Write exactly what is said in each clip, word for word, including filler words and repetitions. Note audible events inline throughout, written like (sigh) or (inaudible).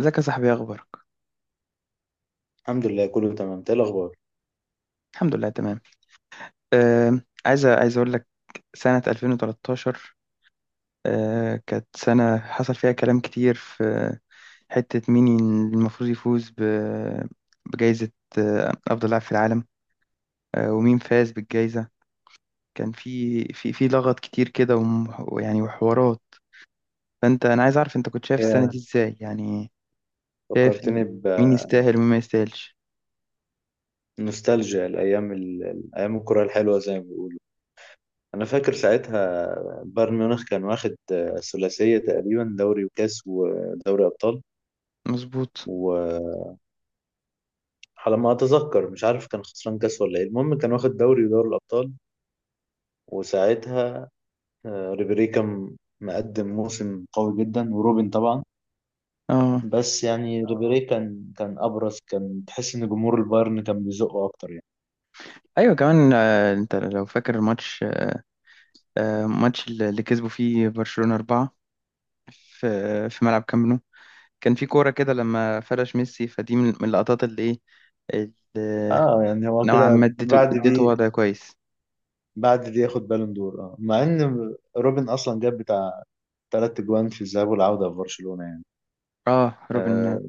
ازيك يا صاحبي، إيه اخبارك؟ الحمد لله كله تمام إنت ايه الاخبار الحمد لله تمام. آه. عايز عايز اقول لك سنة ألفين وتلتاشر. آه كانت سنة حصل فيها كلام كتير في حتة مين المفروض يفوز ب- بجائزة آه افضل لاعب في العالم. آه ومين فاز بالجائزة؟ كان في في في لغط كتير كده، وم- ويعني وحوارات. فانت انا عايز اعرف انت كنت شايف السنة دي يا ازاي يعني؟ شايف ال- فكرتني مين يستاهل ومين ما يستاهلش. بنوستالجيا الايام ال- ايام الكره الحلوه زي ما بيقولوا. انا فاكر ساعتها بايرن ميونخ كان واخد ثلاثيه تقريبا، دوري وكاس ودوري ابطال. مظبوط. وعلى ما اتذكر مش عارف كان خسران كاس ولا ايه، المهم كان واخد دوري ودوري الابطال. وساعتها آه، ريبيري كان مقدم موسم قوي جدا وروبن طبعا. اه، بس يعني ريبيري كان كان ابرز، كان تحس ان جمهور البايرن كان بيزقه اكتر يعني. ايوه كمان. آه انت لو فاكر الماتش، آه، ماتش اللي اللي كسبوا فيه برشلونة أربعة في في ملعب كامب نو. كان في كورة كده لما فرش ميسي فدي، من من اللقطات اللي إيه، اللي اه، يعني هو نوعا ما كده اديته بعد اديته دي، وضع كويس. بعد دي ياخد بالون دور، اه مع ان روبن اصلا جاب بتاع تلات جوان في الذهاب والعودة في برشلونة يعني. اه، روبن اه،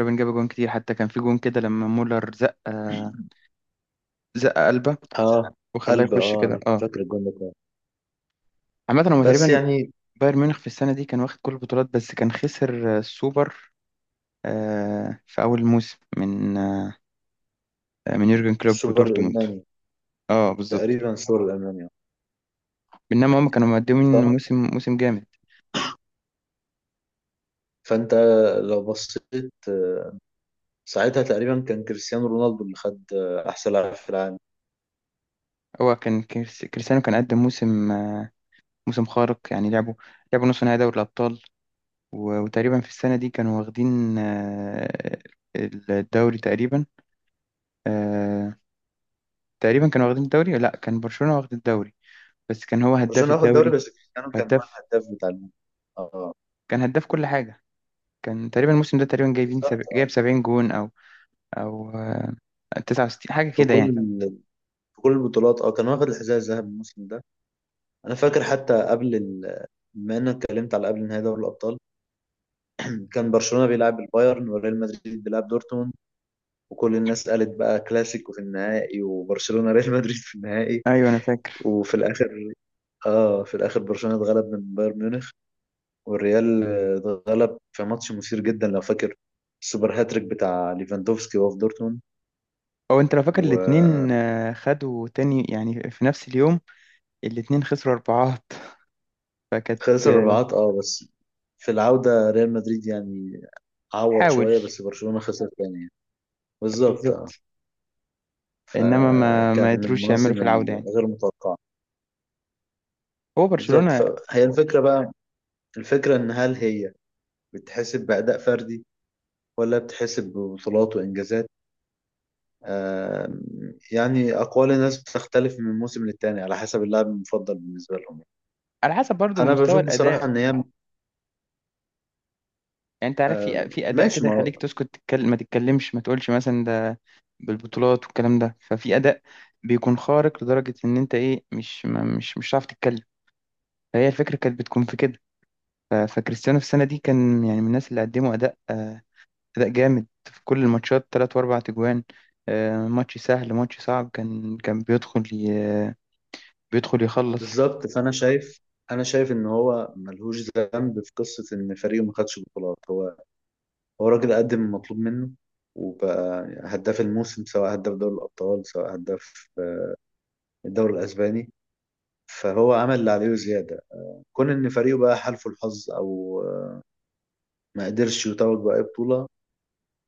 روبن جاب جون كتير، حتى كان في جون كده لما مولر زق آه، زق قلبه آه، وخلاه قلب، يخش اه كده. انا اه. فاكر الجون ده كويس. عامة هو بس تقريبا يعني بايرن ميونخ في السنة دي كان واخد كل البطولات، بس كان خسر آه، السوبر، آه، في أول موسم من آه، من يورجن كلوب السوبر ودورتموند. الالماني، اه بالظبط. تقريبا السوبر الالماني. بينما هم كانوا مقدمين صح. موسم موسم جامد. فانت لو بصيت ساعتها تقريبا كان كريستيانو رونالدو اللي خد احسن لاعب في العالم. هو كان كريس- كريستيانو كان قدم موسم، آه، موسم خارق. يعني لعبوا لعبوا نص نهائي دوري الأبطال، و- وتقريبا في السنة دي كانوا واخدين آه، الدوري تقريبا. آه، تقريبا كانوا واخدين الدوري. لا، كان برشلونة واخد الدوري، بس كان هو هداف برشلونة واخد دوري الدوري. بس كريستيانو كان هو هداف. الهداف بتاع الم- اه، كان هداف كل حاجة. كان تقريبا الموسم ده تقريبا جايبين سب... بالظبط. اه، جايب سبعين جون، او او آه، تسعة وستين حاجة في كده كل يعني. في كل البطولات، اه، كان واخد الحذاء الذهبي الموسم ده. انا فاكر حتى قبل ال... بما انك اتكلمت على قبل نهائي دوري الابطال، كان برشلونه بيلعب البايرن وريال مدريد بيلعب دورتموند، وكل الناس قالت بقى كلاسيكو في النهائي وبرشلونه ريال مدريد في النهائي. ايوه انا فاكر. وفي الاخر اه في الاخر برشلونه اتغلب من بايرن ميونخ، والريال آه، اتغلب في ماتش مثير جدا لو فاكر، السوبر هاتريك بتاع ليفاندوفسكي وهو في دورتموند. او انت لو فاكر وخلص الاتنين آه، خدوا تاني يعني في نفس اليوم، الاتنين خسروا اربعات. فكانت آه، الرباعات. اه بس في العوده ريال مدريد يعني عوض حاول. شويه، بس برشلونه خسر تاني يعني. بالظبط. آه. بالظبط. انما ما ما فكان من قدروش يعملوا المواسم في العودة يعني. الغير متوقعة. هو بالظبط. برشلونة. فهي الفكرة بقى، الفكرة إن هل هي بتحسب بأداء فردي ولا بتحسب ببطولات وإنجازات؟ آم، يعني أقوال الناس بتختلف من موسم للتاني على حسب اللاعب المفضل بالنسبة لهم. على حسب برضو أنا مستوى بشوف بصراحة الاداء. إن هي... يعني انت عارف، آم، في في اداء ماشي. كده ما يخليك هو تسكت تتكلم، ما تتكلمش ما تقولش مثلا ده بالبطولات والكلام ده، ففي اداء بيكون خارق لدرجة ان انت ايه مش ما مش مش هتعرف تتكلم. فهي الفكرة كانت بتكون في كده. ف- فكريستيانو في السنة دي كان يعني من الناس اللي قدموا اداء، آه، أداء جامد في كل الماتشات، تلات وأربع تجوان. آه، ماتش سهل ماتش صعب، كان كان بيدخل ي... بيدخل يخلص. بالظبط. فأنا شايف، أنا شايف إن هو ملهوش ذنب في قصة إن فريقه ما خدش بطولات. هو هو راجل قدم المطلوب منه، وبقى هداف الموسم، سواء هداف دوري الأبطال سواء هداف الدوري الأسباني. فهو عمل اللي عليه وزيادة. كون إن فريقه بقى حالفه الحظ أو آه، ما قدرش يتوج بأي بطولة،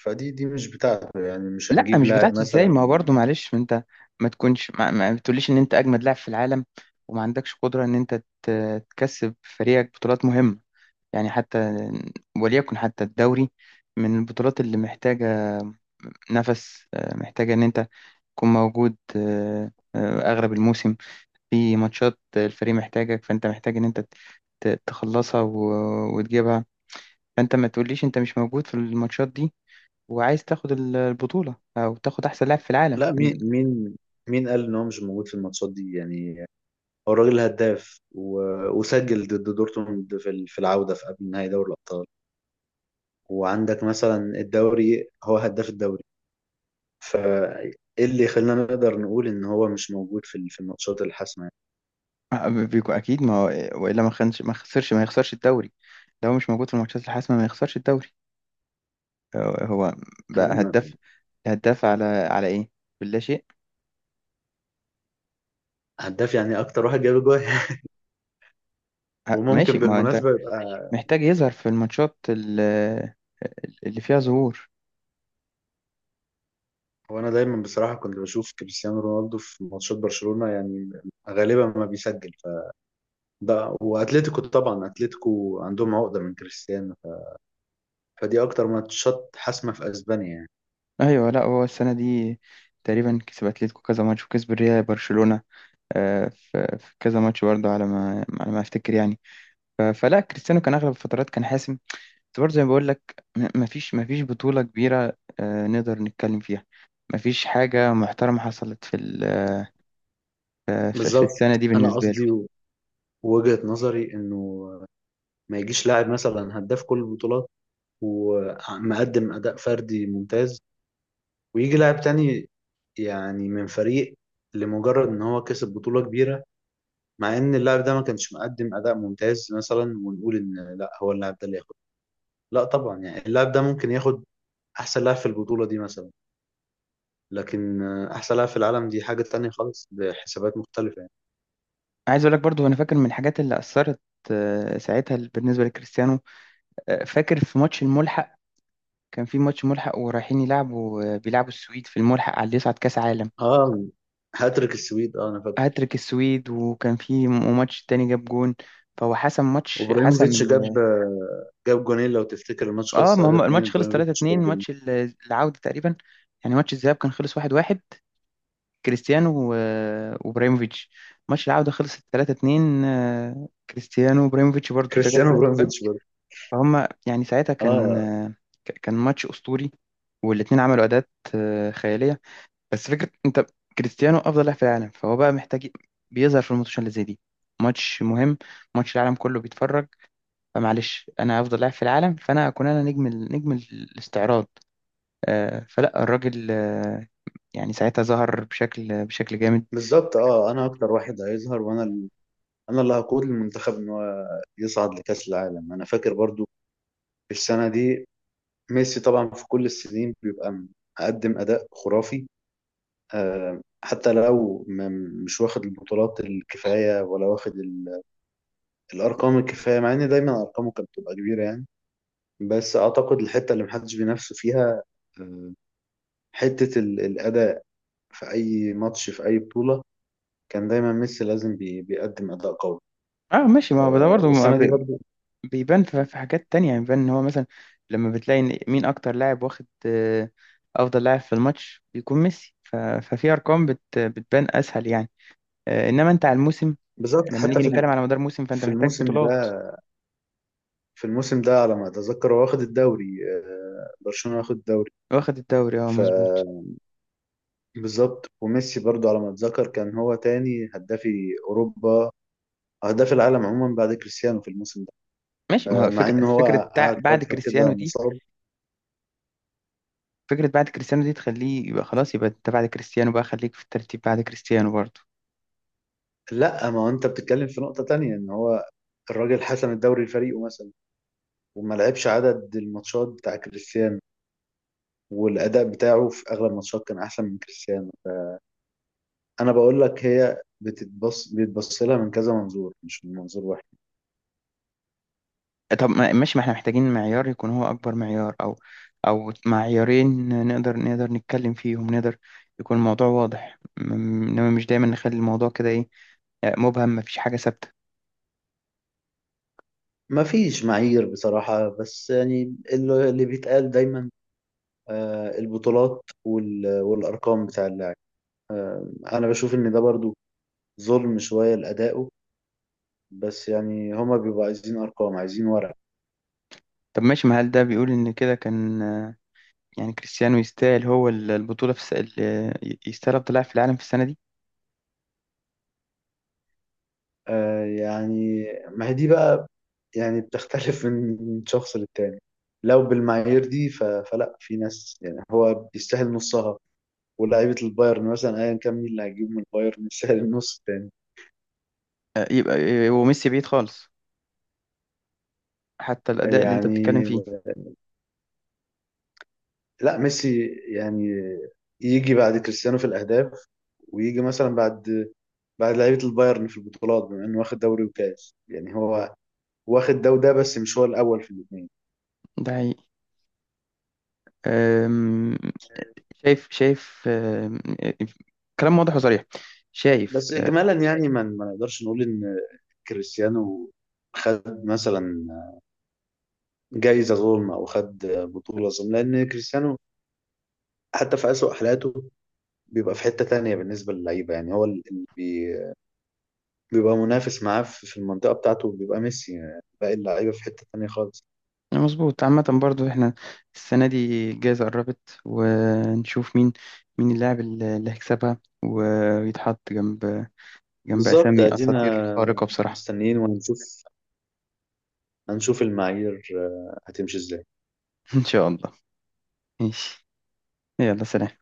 فدي دي مش بتاعته يعني. مش لا هنجيب مش لاعب بتاعته ازاي؟ مثلا. ما هو برضه معلش، ما انت ما تكونش، ما, ما بتقوليش ان انت اجمد لاعب في العالم وما عندكش قدرة ان انت ت- تكسب فريقك بطولات مهمة. يعني حتى وليكن حتى الدوري، من البطولات اللي محتاجة نفس، آه، محتاجة ان انت تكون موجود آه، آه، اغلب الموسم. في ماتشات الفريق محتاجك، فانت محتاج ان انت ت- تخلصها و- وتجيبها. فانت ما تقوليش انت مش موجود في الماتشات دي، وعايز تاخد ال- البطولة او تاخد احسن لاعب في العالم. لا، مين مين مين قال إن هو مش موجود في الماتشات دي يعني؟ هو الراجل هداف و... وسجل ضد دورتموند في ال- في العودة في قبل نهائي دوري الأبطال، وعندك مثلا الدوري هو هداف الدوري. فايه اللي يخلينا نقدر نقول ان هو مش موجود في ال- في الماتشات الحاسمه؟ أه، بيكون اكيد ما هو، والا ما خنش ما خسرش، ما يخسرش الدوري. لو مش موجود في الماتشات الحاسمة ما يخسرش الدوري. هو هو بقى يعني هداف. هداف على على ايه؟ باللا شيء. هداف يعني اكتر واحد جاب جول (laughs) ه- ماشي، وممكن ما هو انت بالمناسبه يبقى. محتاج يظهر في الماتشات ال- اللي فيها ظهور. هو انا دايما بصراحه كنت بشوف كريستيانو رونالدو في ماتشات برشلونه يعني، غالبا ما بيسجل. فده، واتلتيكو طبعا، اتلتيكو عندهم عقده من كريستيانو، فدي اكتر ماتشات حاسمه في اسبانيا يعني. ايوه، لا هو السنه دي تقريبا كسب اتلتيكو كذا ماتش، وكسب الريال برشلونه آه، في في كذا ماتش برضه، على ما على ما افتكر يعني. ف- فلا كريستيانو كان اغلب الفترات كان حاسم، بس برضه زي ما بقول لك، ما فيش ما فيش بطوله كبيره آه، نقدر نتكلم فيها. ما فيش حاجه محترمه حصلت في ال- آه، في في بالظبط. السنه دي انا بالنسبه له. قصدي، وجهه نظري انه ما يجيش لاعب مثلا هداف كل البطولات ومقدم اداء فردي ممتاز، ويجي لاعب تاني يعني من فريق لمجرد ان هو كسب بطولة كبيرة، مع ان اللاعب ده ما كانش مقدم اداء ممتاز مثلا، ونقول ان لا هو اللاعب ده اللي ياخد. لا طبعا يعني اللاعب ده ممكن ياخد احسن لاعب في البطولة دي مثلا، لكن آه، احسن لاعب في العالم دي حاجة تانية خالص بحسابات مختلفة يعني. عايز اقول لك برضه، انا فاكر من الحاجات اللي اثرت آه، ساعتها بالنسبه لكريستيانو. آه، فاكر في ماتش الملحق، كان في ماتش ملحق ورايحين يلعبوا آه، بيلعبوا السويد في الملحق على اللي يصعد كاس عالم. اه، هاتريك السويد، اه، انا فاكره. هاتريك السويد، وكان في م- ماتش تاني جاب جون. فهو حسم ماتش، حسم وابراهيموفيتش جاب ال... آه، جاب جونين لو تفتكر، الماتش اه خلص ما هم تلاتة اتنين. الماتش خلص ابراهيموفيتش ثلاثة اثنين، جاب جونين، ماتش ال- العودة تقريبا. يعني ماتش الذهاب كان خلص واحد واحد، كريستيانو و- وابراهيموفيتش. ماتش العودة خلص تلاتة اتنين، آه، كريستيانو وابراهيموفيتش برضو ده جاب كريستيانو تلات جون. ابراهيموفيتش برضه. فهم يعني ساعتها كان اه، آه، ك- كان ماتش أسطوري، والاتنين عملوا أداءات آه، خيالية. بس فكرة انت كريستيانو افضل لاعب في العالم، فهو بقى محتاج ي- بيظهر في الماتشات اللي زي دي. ماتش مهم، ماتش العالم كله بيتفرج. فمعلش انا افضل لاعب في العالم، فانا اكون انا نجم ال- نجم ال- الاستعراض. آه فلا الراجل، آه يعني ساعتها ظهر بشكل بشكل جامد. بالظبط. اه، انا اكتر واحد هيظهر، وانا انا اللي هقود المنتخب ان هو يصعد لكأس العالم. انا فاكر برضو السنة دي ميسي طبعا في كل السنين بيبقى مقدم اداء خرافي، آه، حتى لو م- مش واخد البطولات الكفاية ولا واخد ال- الارقام الكفاية، مع ان دايما ارقامه كانت بتبقى كبيرة يعني. بس اعتقد الحتة اللي محدش بينافسه فيها، آه، حتة ال- الاداء. في اي ماتش في اي بطولة كان دايما ميسي لازم بي- بيقدم اداء قوي. اه ماشي، ما هو ده آه، برضه، ما والسنة دي بي- برضو بيبان في في حاجات تانية. يعني بيبان ان هو مثلا لما بتلاقي إن مين اكتر لاعب واخد آه افضل لاعب في الماتش بيكون ميسي، ف- ففي ارقام بت بتبان اسهل يعني. آه، انما انت على الموسم، بالظبط. لما حتى نيجي في نتكلم ال- على مدار موسم فانت في محتاج الموسم ده، بطولات. في الموسم ده على ما اتذكر هو واخد الدوري، آه، برشلونة واخد الدوري. واخد الدوري، اه ف مظبوط. بالظبط. وميسي برضو على ما اتذكر كان هو تاني هدافي اوروبا، هداف العالم عموما بعد كريستيانو في الموسم ده، ماشي ما آه، هو، مع فكرة ان فكرة هو تع- قعد بعد فترة كريستيانو كده دي. مصاب. فكرة بعد كريستيانو دي تخليه يبقى خلاص، يبقى انت بعد كريستيانو، بقى خليك في الترتيب بعد كريستيانو برضه. لا، ما هو انت بتتكلم في نقطة تانية. ان هو الراجل حسم الدوري لفريقه مثلا، وما لعبش عدد الماتشات بتاع كريستيانو، والاداء بتاعه في اغلب الماتشات كان احسن من كريستيانو. انا بقول لك هي بتتبص بيتبص لها من كذا منظور مش من منظور واحد. طب ما- ماشي، ما احنا محتاجين معيار يكون هو اكبر معيار، او او معيارين، نقدر نقدر نتكلم فيهم، نقدر يكون الموضوع واضح، م- انما مش دايما نخلي الموضوع كده، ايه، مبهم، مفيش حاجة ثابتة. ما فيش معايير بصراحة، بس يعني اللي اللي بيتقال دايما آه، البطولات وال- والأرقام بتاع اللاعب. آه، أنا بشوف إن ده برضو ظلم شوية لأدائه. بس يعني هما بيبقوا عايزين أرقام، عايزين ورق. طب ماشي، ما هل ده بيقول ان كده كان، يعني كريستيانو يستاهل هو ال- البطولة في الس... ال- يستاهل أفضل لاعب في العالم في السنة دي؟ آه، يعني ما هي دي بقى، يعني بتختلف (laughs) من شخص للتاني. لو بالمعايير دي ف- فلا في ناس يعني هو بيستاهل نصها، ولاعيبة البايرن مثلا أيا كان مين اللي هيجيب من البايرن يستاهل النص التاني. آه، يبقى آه، وميسي بعيد خالص، حتى الأداء اللي أنت بتتكلم يعني فيه. لا ميسي يعني يجي بعد كريستيانو في الاهداف، ويجي مثلا بعد بعد لعيبه البايرن في البطولات، بما انه واخد دوري وكاس يعني هو واخد ده وده بس مش هو الاول في الاثنين. ده حقيقي. آم، شايف، شايف آم، آه، كلام واضح وصريح. شايف بس آه، اجمالا يعني ما ما نقدرش نقول ان كريستيانو خد مثلا جايزه ظلم او خد بطوله ظلم، لان كريستيانو حتى في اسوأ حالاته بيبقى في حته تانية بالنسبه للعيبه، يعني هو اللي بي- بيبقى منافس معاه في في المنطقه بتاعته بيبقى ميسي. يعني باقي اللعيبه في حته تانية خالص. مظبوط. عامة برضو احنا السنة دي الجائزة قربت، ونشوف مين، مين اللاعب اللي اللي هيكسبها ويتحط جنب، جنب بالظبط. أسامي ادينا أساطير خارقة بصراحة. مستنيين وهنشوف، هنشوف المعايير آه، هتمشي ازاي؟ (laughs) إن شاء الله. ماشي، يلا سلام.